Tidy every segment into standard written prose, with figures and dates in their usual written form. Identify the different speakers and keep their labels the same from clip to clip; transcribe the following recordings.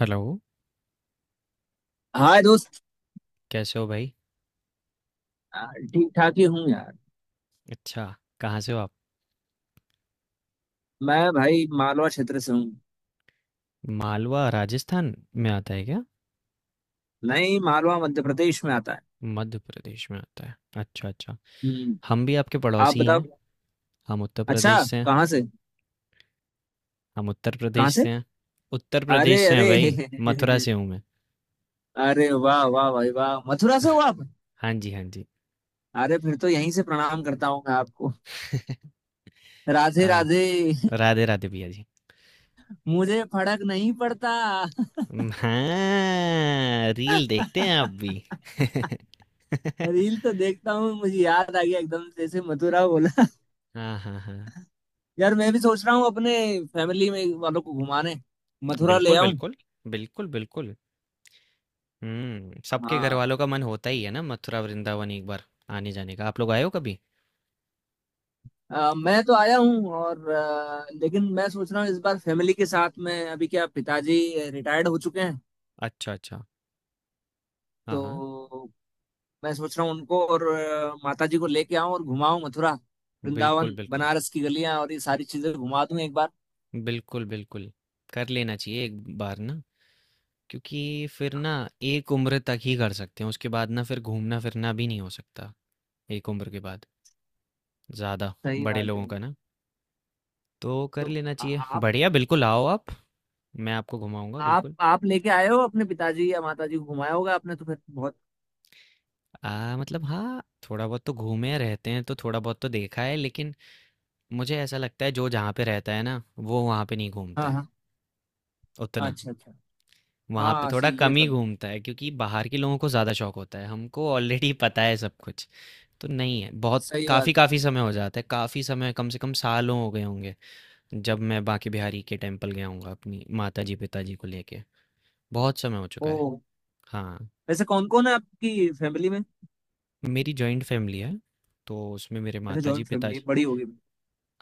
Speaker 1: Hello,
Speaker 2: hi दोस्त।
Speaker 1: कैसे हो भाई?
Speaker 2: ठीक ठाक ही हूँ यार।
Speaker 1: अच्छा, कहाँ से हो आप?
Speaker 2: मैं भाई मालवा क्षेत्र से हूँ।
Speaker 1: मालवा राजस्थान में आता है क्या?
Speaker 2: नहीं, मालवा मध्य प्रदेश में आता है।
Speaker 1: मध्य प्रदेश में आता है। अच्छा अच्छा।
Speaker 2: हम्म।
Speaker 1: हम भी आपके
Speaker 2: आप
Speaker 1: पड़ोसी ही
Speaker 2: बताओ।
Speaker 1: हैं। हम उत्तर
Speaker 2: अच्छा।
Speaker 1: प्रदेश से हैं।
Speaker 2: कहाँ से?
Speaker 1: हम उत्तर
Speaker 2: कहाँ
Speaker 1: प्रदेश
Speaker 2: से?
Speaker 1: से हैं। उत्तर प्रदेश
Speaker 2: अरे
Speaker 1: से हैं
Speaker 2: अरे
Speaker 1: भाई। मथुरा से हूँ मैं।
Speaker 2: अरे वाह वाह भाई वाह, मथुरा से हो आप?
Speaker 1: हाँ जी हाँ जी।
Speaker 2: अरे फिर तो यहीं से प्रणाम करता हूँ मैं आपको। राधे
Speaker 1: आ,
Speaker 2: राधे।
Speaker 1: राधे राधे भैया जी।
Speaker 2: मुझे फर्क नहीं पड़ता।
Speaker 1: हाँ, रील देखते हैं आप भी।
Speaker 2: रील तो देखता हूँ, मुझे याद आ गया एकदम जैसे मथुरा बोला।
Speaker 1: हाँ हाँ हाँ।
Speaker 2: यार मैं भी सोच रहा हूँ अपने फैमिली में वालों को घुमाने मथुरा ले
Speaker 1: बिल्कुल
Speaker 2: आऊं।
Speaker 1: बिल्कुल। बिल्कुल बिल्कुल। सबके
Speaker 2: हाँ।
Speaker 1: घरवालों का मन होता ही है ना, मथुरा वृंदावन एक बार आने-जाने का। आप लोग आए हो कभी?
Speaker 2: मैं तो आया हूँ और लेकिन मैं सोच रहा हूँ इस बार फैमिली के साथ में, अभी क्या पिताजी रिटायर्ड हो चुके हैं।
Speaker 1: अच्छा, अच्छा। हाँ, हाँ।
Speaker 2: तो मैं सोच रहा हूँ उनको और माताजी को लेके आऊँ और घुमाऊँ मथुरा
Speaker 1: बिल्कुल,
Speaker 2: वृंदावन
Speaker 1: बिल्कुल।
Speaker 2: बनारस की गलियां और ये सारी चीजें घुमा दूं एक बार।
Speaker 1: बिल्कुल, बिल्कुल। कर लेना चाहिए एक बार ना, क्योंकि फिर ना एक उम्र तक ही कर सकते हैं, उसके बाद ना फिर घूमना-फिरना भी नहीं हो सकता, एक उम्र के बाद ज़्यादा,
Speaker 2: सही
Speaker 1: बड़े
Speaker 2: बात है।
Speaker 1: लोगों का ना। तो कर
Speaker 2: तो
Speaker 1: लेना
Speaker 2: आ-
Speaker 1: चाहिए।
Speaker 2: आप
Speaker 1: बढ़िया, बिल्कुल आओ आप, मैं आपको घुमाऊँगा
Speaker 2: आप
Speaker 1: बिल्कुल।
Speaker 2: आप लेके आए हो अपने पिताजी या माताजी को घुमाया होगा आपने तो फिर बहुत।
Speaker 1: मतलब हाँ, थोड़ा बहुत तो घूमे रहते हैं, तो थोड़ा बहुत तो देखा है, लेकिन मुझे ऐसा लगता है जो जहाँ पे रहता है ना, वो वहाँ पे नहीं घूमता
Speaker 2: हाँ
Speaker 1: है
Speaker 2: हाँ।
Speaker 1: उतना।
Speaker 2: अच्छा अच्छा।
Speaker 1: वहाँ
Speaker 2: हाँ
Speaker 1: पे
Speaker 2: हाँ,
Speaker 1: थोड़ा
Speaker 2: सही ये
Speaker 1: कम ही
Speaker 2: तो है।
Speaker 1: घूमता है, क्योंकि बाहर के लोगों को ज़्यादा शौक होता है। हमको ऑलरेडी पता है सब कुछ, तो नहीं है बहुत।
Speaker 2: सही
Speaker 1: काफ़ी
Speaker 2: बात है।
Speaker 1: काफ़ी समय हो जाता है, काफ़ी समय, कम से कम सालों हो गए होंगे जब मैं बांके बिहारी के टेम्पल गया हूँगा अपनी माता जी पिताजी को लेके। बहुत समय हो चुका
Speaker 2: ओ।
Speaker 1: है। हाँ।
Speaker 2: वैसे कौन कौन है आपकी फैमिली में?
Speaker 1: मेरी जॉइंट फैमिली है, तो उसमें मेरे
Speaker 2: अच्छा
Speaker 1: माता जी
Speaker 2: जॉइंट फैमिली
Speaker 1: पिताजी।
Speaker 2: बड़ी होगी।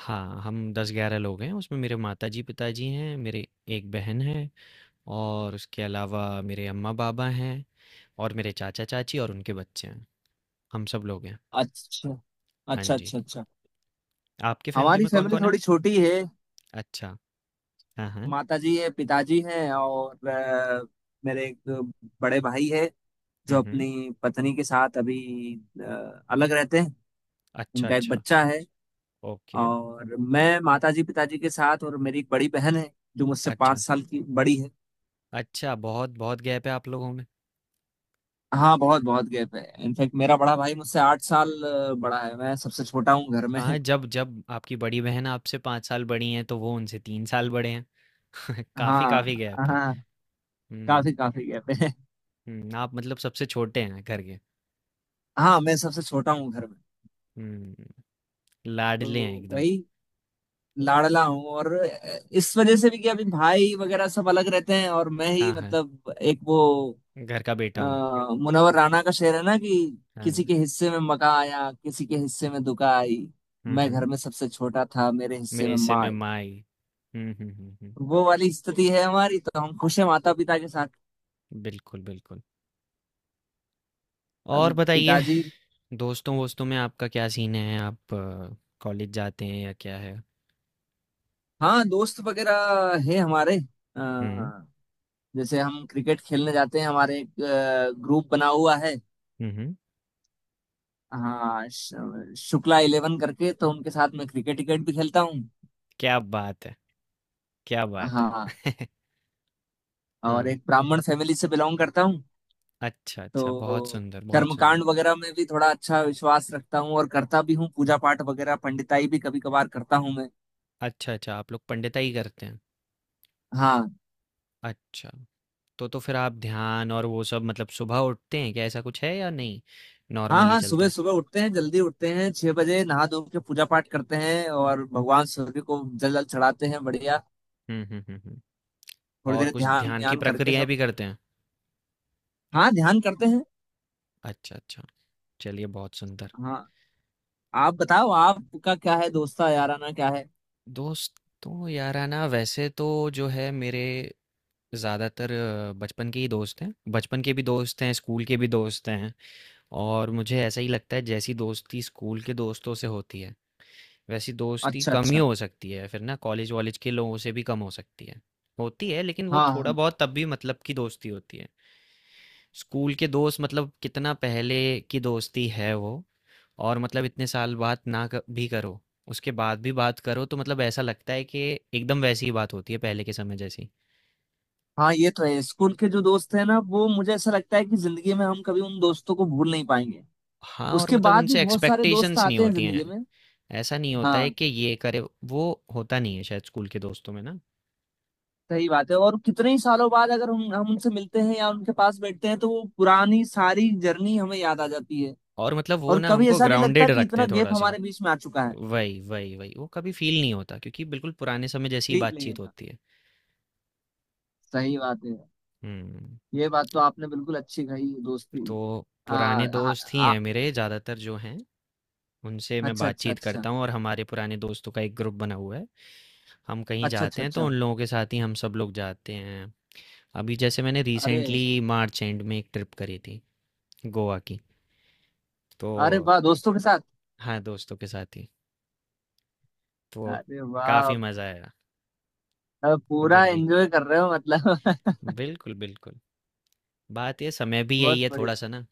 Speaker 1: हाँ, हम 10 11 लोग हैं। उसमें मेरे माता जी पिताजी हैं, मेरे एक बहन है, और उसके अलावा मेरे अम्मा-पापा हैं, और मेरे चाचा-चाची और उनके बच्चे हैं। हम सब लोग हैं।
Speaker 2: अच्छा
Speaker 1: हाँ
Speaker 2: अच्छा
Speaker 1: जी।
Speaker 2: अच्छा। अच्छा।
Speaker 1: आपकी फ़ैमिली
Speaker 2: हमारी
Speaker 1: में
Speaker 2: फैमिली
Speaker 1: कौन-कौन है?
Speaker 2: थोड़ी छोटी है।
Speaker 1: अच्छा। हाँ, हाँ।
Speaker 2: माता जी है पिताजी हैं और मेरे एक बड़े भाई है
Speaker 1: हुँ,
Speaker 2: जो
Speaker 1: हुँ।
Speaker 2: अपनी पत्नी के साथ अभी अलग रहते हैं।
Speaker 1: अच्छा,
Speaker 2: उनका एक
Speaker 1: अच्छा।
Speaker 2: बच्चा है।
Speaker 1: ओके।
Speaker 2: और मैं माता जी पिताजी के साथ, और मेरी एक बड़ी बहन है जो मुझसे पाँच
Speaker 1: अच्छा।
Speaker 2: साल की बड़ी है।
Speaker 1: अच्छा, बहुत-बहुत गैप है आप लोगों में।
Speaker 2: हाँ बहुत बहुत गैप है, इनफैक्ट मेरा बड़ा भाई मुझसे 8 साल बड़ा है। मैं सबसे छोटा हूँ घर में।
Speaker 1: हाँ, जब जब आपकी बड़ी बहन आपसे 5 साल बड़ी हैं, तो वो उनसे 3 साल बड़े हैं। काफ़ी
Speaker 2: हाँ
Speaker 1: काफ़ी गैप है।
Speaker 2: हाँ।
Speaker 1: हुँ,
Speaker 2: काफी काफी गैप है।
Speaker 1: हुँ। आप मतलब सबसे छोटे हैं घर के।
Speaker 2: हाँ मैं सबसे छोटा हूँ घर में।
Speaker 1: हुँ, लाडले हैं
Speaker 2: तो
Speaker 1: एकदम।
Speaker 2: वही लाडला हूँ, और इस वजह से भी कि अभी भाई वगैरह सब अलग रहते हैं और मैं ही
Speaker 1: हाँ, हाँ।
Speaker 2: मतलब एक वो।
Speaker 1: घर का
Speaker 2: अ,
Speaker 1: बेटा हूँ।
Speaker 2: मुनव्वर राना का शेर है ना कि किसी
Speaker 1: हाँ।
Speaker 2: के हिस्से में मका आया किसी के हिस्से में दुका आई,
Speaker 1: हुँ,
Speaker 2: मैं घर
Speaker 1: हुँ।
Speaker 2: में सबसे छोटा था मेरे हिस्से
Speaker 1: मेरे
Speaker 2: में
Speaker 1: से
Speaker 2: माँ
Speaker 1: में
Speaker 2: आई।
Speaker 1: माई। हम्म।
Speaker 2: वो वाली स्थिति है हमारी, तो हम खुश हैं माता पिता के साथ।
Speaker 1: बिल्कुल बिल्कुल। और
Speaker 2: अभी
Speaker 1: बताइए,
Speaker 2: पिताजी।
Speaker 1: दोस्तों वोस्तों में आपका क्या सीन है? आप कॉलेज जाते हैं या क्या है?
Speaker 2: हाँ दोस्त वगैरह है हमारे।
Speaker 1: हम्म।
Speaker 2: अ, जैसे हम क्रिकेट खेलने जाते हैं, हमारे एक ग्रुप बना हुआ है।
Speaker 1: हम्म।
Speaker 2: हाँ शुक्ला 11 करके, तो उनके साथ मैं क्रिकेट क्रिकेट भी खेलता हूँ।
Speaker 1: क्या बात है! क्या बात
Speaker 2: हाँ।
Speaker 1: है!
Speaker 2: और
Speaker 1: हाँ।
Speaker 2: एक ब्राह्मण फैमिली से बिलोंग करता हूँ।
Speaker 1: अच्छा अच्छा, बहुत
Speaker 2: तो
Speaker 1: सुंदर, बहुत
Speaker 2: कर्मकांड
Speaker 1: सुंदर।
Speaker 2: वगैरह में भी थोड़ा अच्छा विश्वास रखता हूँ और करता भी हूँ, पूजा पाठ वगैरह पंडिताई भी कभी कभार करता हूँ मैं।
Speaker 1: अच्छा अच्छा, आप लोग पंडिताई करते हैं।
Speaker 2: हाँ।
Speaker 1: अच्छा। तो फिर आप ध्यान और वो सब, मतलब सुबह उठते हैं क्या, ऐसा कुछ है या नहीं,
Speaker 2: हाँ
Speaker 1: नॉर्मली
Speaker 2: हाँ
Speaker 1: चलता
Speaker 2: सुबह
Speaker 1: है?
Speaker 2: सुबह उठते हैं, जल्दी उठते हैं, 6 बजे नहा धो के पूजा पाठ करते हैं और भगवान सूर्य को जल जल चढ़ाते हैं, बढ़िया।
Speaker 1: हम्म हम्म हम्म हम्म।
Speaker 2: थोड़ी
Speaker 1: और
Speaker 2: देर
Speaker 1: कुछ
Speaker 2: ध्यान
Speaker 1: ध्यान की
Speaker 2: ध्यान करके
Speaker 1: प्रक्रियाएं
Speaker 2: सब।
Speaker 1: भी करते हैं?
Speaker 2: हाँ ध्यान करते हैं।
Speaker 1: अच्छा अच्छा। चलिए, बहुत सुंदर।
Speaker 2: हाँ। आप बताओ आपका क्या है, दोस्ता याराना क्या है?
Speaker 1: दोस्तों याराना वैसे तो जो है मेरे ज़्यादातर बचपन के ही दोस्त हैं, बचपन के भी दोस्त हैं, स्कूल के भी दोस्त हैं। और मुझे ऐसा ही लगता है जैसी दोस्ती स्कूल के दोस्तों से होती है, वैसी दोस्ती
Speaker 2: अच्छा
Speaker 1: कम ही
Speaker 2: अच्छा।
Speaker 1: हो सकती है फिर ना। कॉलेज वॉलेज के लोगों से भी कम हो सकती है, होती है, लेकिन वो
Speaker 2: हाँ
Speaker 1: थोड़ा
Speaker 2: हाँ।
Speaker 1: बहुत तब भी मतलब की दोस्ती होती है। स्कूल के दोस्त मतलब कितना पहले की दोस्ती है वो, और मतलब इतने साल बात ना भी करो, उसके बाद भी बात करो, तो मतलब ऐसा लगता है कि एकदम वैसी ही बात होती है पहले के समय जैसी।
Speaker 2: हाँ, ये तो है। स्कूल के जो दोस्त हैं ना वो, मुझे ऐसा लगता है कि जिंदगी में हम कभी उन दोस्तों को भूल नहीं पाएंगे।
Speaker 1: हाँ, और
Speaker 2: उसके
Speaker 1: मतलब
Speaker 2: बाद भी
Speaker 1: उनसे
Speaker 2: बहुत सारे दोस्त
Speaker 1: एक्सपेक्टेशंस नहीं
Speaker 2: आते हैं
Speaker 1: होती हैं।
Speaker 2: जिंदगी में।
Speaker 1: ऐसा नहीं होता है
Speaker 2: हाँ।
Speaker 1: कि ये करे वो, होता नहीं है शायद स्कूल के दोस्तों में ना।
Speaker 2: सही बात है, और कितने ही सालों बाद अगर हम उनसे मिलते हैं या उनके पास बैठते हैं तो वो पुरानी सारी जर्नी हमें याद आ जाती है।
Speaker 1: और मतलब वो
Speaker 2: और
Speaker 1: ना
Speaker 2: कभी
Speaker 1: हमको
Speaker 2: ऐसा नहीं लगता
Speaker 1: ग्राउंडेड
Speaker 2: कि
Speaker 1: रखते
Speaker 2: इतना
Speaker 1: हैं थोड़ा
Speaker 2: गैप
Speaker 1: सा।
Speaker 2: हमारे बीच में आ चुका है।
Speaker 1: वही, वही, वही। वो कभी फ़ील नहीं होता क्योंकि बिल्कुल पुराने समय जैसी ही
Speaker 2: ठीक नहीं
Speaker 1: बातचीत
Speaker 2: होता।
Speaker 1: होती है।
Speaker 2: सही बात है।
Speaker 1: हुँ,
Speaker 2: ये बात तो आपने बिल्कुल अच्छी कही, दोस्ती।
Speaker 1: तो
Speaker 2: आ,
Speaker 1: पुराने
Speaker 2: आ,
Speaker 1: दोस्त ही
Speaker 2: आ,
Speaker 1: हैं मेरे ज़्यादातर जो हैं, उनसे मैं
Speaker 2: अच्छा अच्छा
Speaker 1: बातचीत
Speaker 2: अच्छा।
Speaker 1: करता हूँ, और हमारे पुराने दोस्तों का एक ग्रुप बना हुआ है। हम कहीं
Speaker 2: अच्छा
Speaker 1: जाते
Speaker 2: अच्छा
Speaker 1: हैं तो
Speaker 2: अच्छा।
Speaker 1: उन लोगों के साथ ही हम सब लोग जाते हैं। अभी जैसे मैंने
Speaker 2: अरे।
Speaker 1: रिसेंटली मार्च एंड में एक ट्रिप करी थी गोवा की, तो
Speaker 2: अरे वाह दोस्तों के साथ।
Speaker 1: हाँ, दोस्तों के साथ ही। तो
Speaker 2: अरे वाह।
Speaker 1: काफ़ी मज़ा आया
Speaker 2: अब पूरा
Speaker 1: उधर भी।
Speaker 2: एंजॉय कर रहे हो मतलब।
Speaker 1: बिल्कुल, बिल्कुल। बात ये समय भी यही
Speaker 2: बहुत
Speaker 1: है
Speaker 2: बढ़िया।
Speaker 1: थोड़ा-सा ना,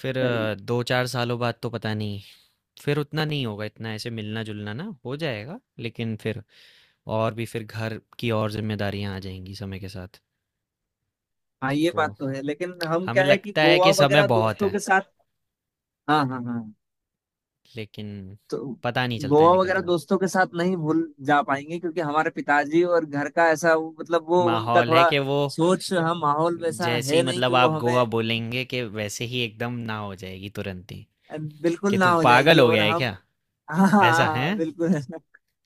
Speaker 1: फिर
Speaker 2: सही।
Speaker 1: 2-4 सालों बाद तो पता नहीं, फिर उतना नहीं होगा, इतना ऐसे मिलना जुलना ना हो जाएगा, लेकिन फिर और भी फिर घर की और जिम्मेदारियां आ जाएंगी समय के साथ।
Speaker 2: हाँ ये
Speaker 1: तो
Speaker 2: बात तो है, लेकिन हम
Speaker 1: हमें
Speaker 2: क्या है कि
Speaker 1: लगता है
Speaker 2: गोवा
Speaker 1: कि समय
Speaker 2: वगैरह
Speaker 1: बहुत
Speaker 2: दोस्तों
Speaker 1: है,
Speaker 2: के साथ। हाँ हाँ हाँ।
Speaker 1: लेकिन
Speaker 2: तो
Speaker 1: पता नहीं चलता है
Speaker 2: गोवा
Speaker 1: निकलता
Speaker 2: वगैरह
Speaker 1: हुआ।
Speaker 2: दोस्तों के साथ नहीं भूल जा पाएंगे, क्योंकि हमारे पिताजी और घर का ऐसा मतलब वो उनका
Speaker 1: माहौल है
Speaker 2: थोड़ा
Speaker 1: कि वो
Speaker 2: सोच, हम माहौल वैसा
Speaker 1: जैसे ही
Speaker 2: है नहीं कि
Speaker 1: मतलब
Speaker 2: वो
Speaker 1: आप गोवा
Speaker 2: हमें।
Speaker 1: बोलेंगे कि वैसे ही एकदम ना हो जाएगी तुरंत ही,
Speaker 2: बिल्कुल
Speaker 1: कि
Speaker 2: ना
Speaker 1: तू
Speaker 2: हो जाएगी,
Speaker 1: पागल हो
Speaker 2: और
Speaker 1: गया है
Speaker 2: हम।
Speaker 1: क्या,
Speaker 2: हाँ हाँ,
Speaker 1: ऐसा है।
Speaker 2: हाँ, बिल्कुल।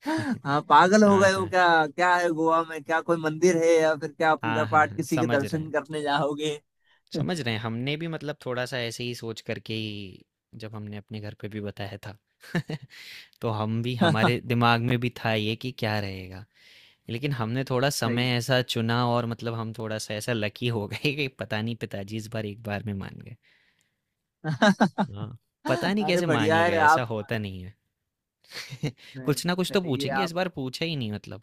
Speaker 2: हाँ पागल हो
Speaker 1: हाँ
Speaker 2: गए हो
Speaker 1: हाँ
Speaker 2: क्या, क्या है गोवा में, क्या कोई मंदिर है या फिर क्या पूजा
Speaker 1: हाँ। हाँ
Speaker 2: पाठ
Speaker 1: हाँ,
Speaker 2: किसी के
Speaker 1: समझ रहे
Speaker 2: दर्शन
Speaker 1: हैं,
Speaker 2: करने जाओगे?
Speaker 1: समझ रहे हैं। हमने भी मतलब थोड़ा सा ऐसे ही सोच करके ही जब हमने अपने घर पे भी बताया था, तो हम भी, हमारे दिमाग में भी था ये कि क्या रहेगा, लेकिन हमने थोड़ा
Speaker 2: सही।
Speaker 1: समय ऐसा चुना, और मतलब हम थोड़ा सा ऐसा लकी हो गए कि पता नहीं पिताजी इस बार एक बार में मान गए। हाँ। पता नहीं
Speaker 2: अरे
Speaker 1: कैसे मान
Speaker 2: बढ़िया
Speaker 1: ही
Speaker 2: है
Speaker 1: गए, ऐसा
Speaker 2: आप।
Speaker 1: होता नहीं है।
Speaker 2: नहीं
Speaker 1: कुछ ना कुछ
Speaker 2: नहीं
Speaker 1: तो
Speaker 2: सही है
Speaker 1: पूछेंगे, इस
Speaker 2: आप।
Speaker 1: बार पूछा ही नहीं मतलब,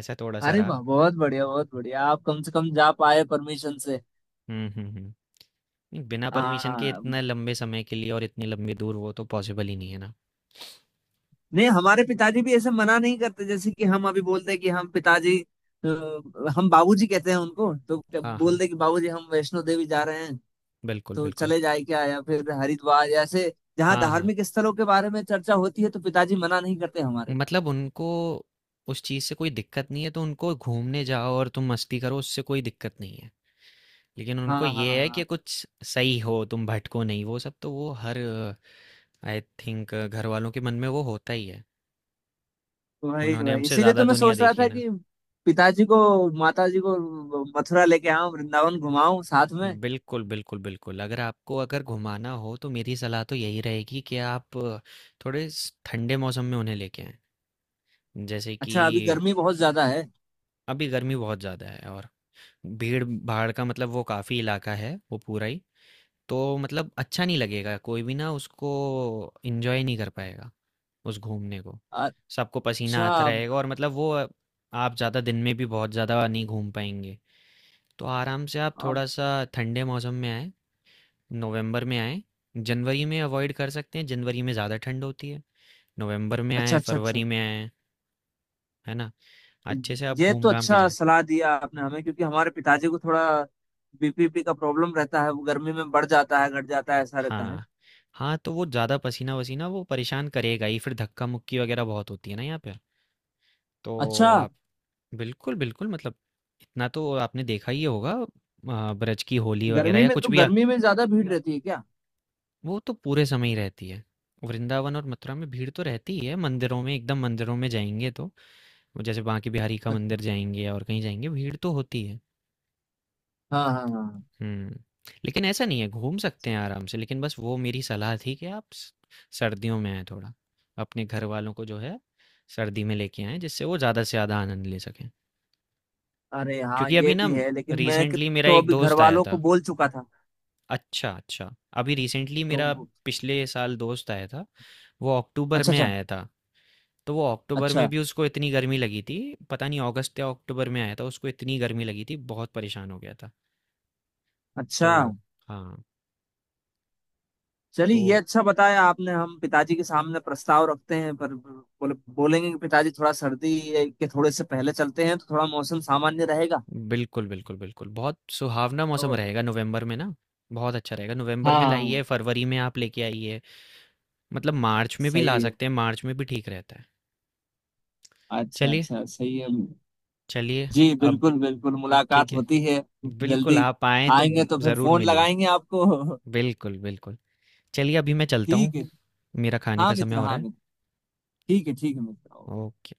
Speaker 1: ऐसा थोड़ा सा
Speaker 2: अरे
Speaker 1: रहा।
Speaker 2: वाह बहुत बढ़िया बहुत बढ़िया, आप कम से कम जा पाए परमिशन से।
Speaker 1: हम्म। नहीं, बिना परमिशन के
Speaker 2: हाँ।
Speaker 1: इतने लंबे समय के लिए और इतनी लंबी दूर, वो तो पॉसिबल ही नहीं है ना।
Speaker 2: नहीं हमारे पिताजी भी ऐसे मना नहीं करते, जैसे कि हम अभी बोलते हैं कि हम पिताजी हम बाबूजी कहते हैं उनको, तो
Speaker 1: हाँ हाँ।
Speaker 2: बोलते हैं कि बाबूजी हम वैष्णो देवी जा रहे हैं
Speaker 1: बिल्कुल
Speaker 2: तो
Speaker 1: बिल्कुल।
Speaker 2: चले जाए क्या, या फिर हरिद्वार, ऐसे जहाँ
Speaker 1: हाँ हाँ,
Speaker 2: धार्मिक स्थलों के बारे में चर्चा होती है, तो पिताजी मना नहीं करते हमारे।
Speaker 1: मतलब उनको उस चीज़ से कोई दिक्कत नहीं है, तो उनको घूमने जाओ और तुम मस्ती करो, उससे कोई दिक्कत नहीं है, लेकिन
Speaker 2: हाँ
Speaker 1: उनको
Speaker 2: हाँ
Speaker 1: ये है कि
Speaker 2: हाँ।
Speaker 1: कुछ सही हो, तुम भटको नहीं, वो सब तो वो हर, आई थिंक घर वालों के मन में वो होता ही है।
Speaker 2: वही
Speaker 1: उन्होंने
Speaker 2: वही,
Speaker 1: हमसे
Speaker 2: इसीलिए
Speaker 1: ज़्यादा
Speaker 2: तो मैं
Speaker 1: दुनिया
Speaker 2: सोच रहा
Speaker 1: देखी
Speaker 2: था
Speaker 1: है ना।
Speaker 2: कि पिताजी को माता जी को मथुरा लेके आऊं, वृंदावन घुमाऊं साथ में।
Speaker 1: बिल्कुल बिल्कुल बिल्कुल। अगर आपको अगर घुमाना हो तो मेरी सलाह तो यही रहेगी कि आप थोड़े ठंडे मौसम में उन्हें लेके आएं। जैसे
Speaker 2: अच्छा अभी
Speaker 1: कि
Speaker 2: गर्मी बहुत ज्यादा है।
Speaker 1: अभी गर्मी बहुत ज़्यादा है, और भीड़ भाड़ का मतलब वो काफ़ी इलाका है वो पूरा ही, तो मतलब अच्छा नहीं लगेगा, कोई भी ना उसको एंजॉय नहीं कर पाएगा उस घूमने को। सबको पसीना
Speaker 2: अच्छा।
Speaker 1: आता रहेगा, और मतलब वो, आप ज़्यादा दिन में भी बहुत ज़्यादा नहीं घूम पाएंगे। तो आराम से आप थोड़ा
Speaker 2: अब-
Speaker 1: सा ठंडे मौसम में आए, नवंबर में आए, जनवरी में अवॉइड कर सकते हैं, जनवरी में ज़्यादा ठंड होती है, नवंबर में
Speaker 2: अच्छा
Speaker 1: आए,
Speaker 2: अच्छा अच्छा।
Speaker 1: फरवरी में आए, है ना, अच्छे से आप
Speaker 2: ये
Speaker 1: घूम
Speaker 2: तो
Speaker 1: घाम के
Speaker 2: अच्छा
Speaker 1: जाएं।
Speaker 2: सलाह दिया आपने हमें, क्योंकि हमारे पिताजी को थोड़ा बीपीपी का प्रॉब्लम रहता है, वो गर्मी में बढ़ जाता है घट जाता है ऐसा रहता है।
Speaker 1: हाँ। हाँ, तो वो ज़्यादा पसीना-वसीना वो परेशान करेगा ही, फिर धक्का-मुक्की वग़ैरह बहुत होती है ना यहाँ पे। तो
Speaker 2: अच्छा
Speaker 1: आप बिल्कुल, बिल्कुल मतलब इतना तो आपने देखा ही होगा, ब्रज की होली वग़ैरह
Speaker 2: गर्मी
Speaker 1: या
Speaker 2: में, तो
Speaker 1: कुछ भी
Speaker 2: गर्मी में ज्यादा भीड़ रहती है क्या?
Speaker 1: वो तो पूरे समय ही रहती है। वृंदावन और मथुरा में भीड़ तो रहती ही है, मंदिरों में, एकदम मंदिरों में जाएँगे तो, जैसे बांके बिहारी का मंदिर
Speaker 2: अच्छा,
Speaker 1: जाएँगे और कहीं जाएँगे, भीड़ तो होती है।
Speaker 2: हाँ हाँ हाँ।
Speaker 1: हुँ। लेकिन ऐसा नहीं है, घूम सकते हैं आराम से, लेकिन बस वो मेरी सलाह थी कि आप स सर्दियों में आएँ थोड़ा। अपने घरवालों को जो है, सर्दी में लेके आएँ, जिससे वो ज़्यादा से ज़्यादा आनंद ले सकें।
Speaker 2: अरे हाँ
Speaker 1: क्योंकि अभी
Speaker 2: ये
Speaker 1: ना
Speaker 2: भी है, लेकिन मैं
Speaker 1: रिसेंटली मेरा
Speaker 2: तो
Speaker 1: एक
Speaker 2: अभी घर
Speaker 1: दोस्त आया
Speaker 2: वालों को
Speaker 1: था।
Speaker 2: बोल चुका था
Speaker 1: अच्छा, अच्छा। अभी रिसेंटली
Speaker 2: तो
Speaker 1: मेरा पिछले साल दोस्त आया था, वो अक्टूबर
Speaker 2: अच्छा
Speaker 1: में
Speaker 2: अच्छा
Speaker 1: आया था। तो वो अक्टूबर में
Speaker 2: अच्छा।
Speaker 1: भी उसको इतनी गर्मी लगी थी, पता नहीं अगस्त या अक्टूबर में आया था, उसको इतनी गर्मी लगी थी, बहुत परेशान हो गया था। तो
Speaker 2: अच्छा।
Speaker 1: हाँ,
Speaker 2: चलिए
Speaker 1: तो
Speaker 2: ये अच्छा बताया आपने, हम पिताजी के सामने प्रस्ताव रखते हैं, पर बोलेंगे कि पिताजी थोड़ा सर्दी के थोड़े से पहले चलते हैं तो थोड़ा मौसम सामान्य रहेगा।
Speaker 1: बिल्कुल, बिल्कुल, बिल्कुल। बहुत सुहावना मौसम
Speaker 2: और
Speaker 1: रहेगा नवंबर में ना, बहुत अच्छा रहेगा। नवंबर में
Speaker 2: हाँ।
Speaker 1: लाइए, फरवरी में आप लेके आइए, मतलब मार्च में भी ला
Speaker 2: सही है।
Speaker 1: सकते हैं, मार्च में भी ठीक रहता है।
Speaker 2: अच्छा
Speaker 1: चलिए,
Speaker 2: अच्छा सही है।
Speaker 1: चलिए।
Speaker 2: जी
Speaker 1: अब
Speaker 2: बिल्कुल बिल्कुल, मुलाकात
Speaker 1: ठीक है।
Speaker 2: होती है।
Speaker 1: बिल्कुल,
Speaker 2: जल्दी
Speaker 1: आप आएँ तो
Speaker 2: आएंगे तो फिर
Speaker 1: ज़रूर
Speaker 2: फोन
Speaker 1: मिलिए।
Speaker 2: लगाएंगे आपको।
Speaker 1: बिल्कुल, बिल्कुल। चलिए अभी मैं चलता हूँ,
Speaker 2: ठीक है।
Speaker 1: मेरा खाने
Speaker 2: हाँ
Speaker 1: का समय
Speaker 2: मित्र
Speaker 1: हो रहा
Speaker 2: हाँ
Speaker 1: है।
Speaker 2: मित्र, ठीक है मित्र। ओके।
Speaker 1: ओके।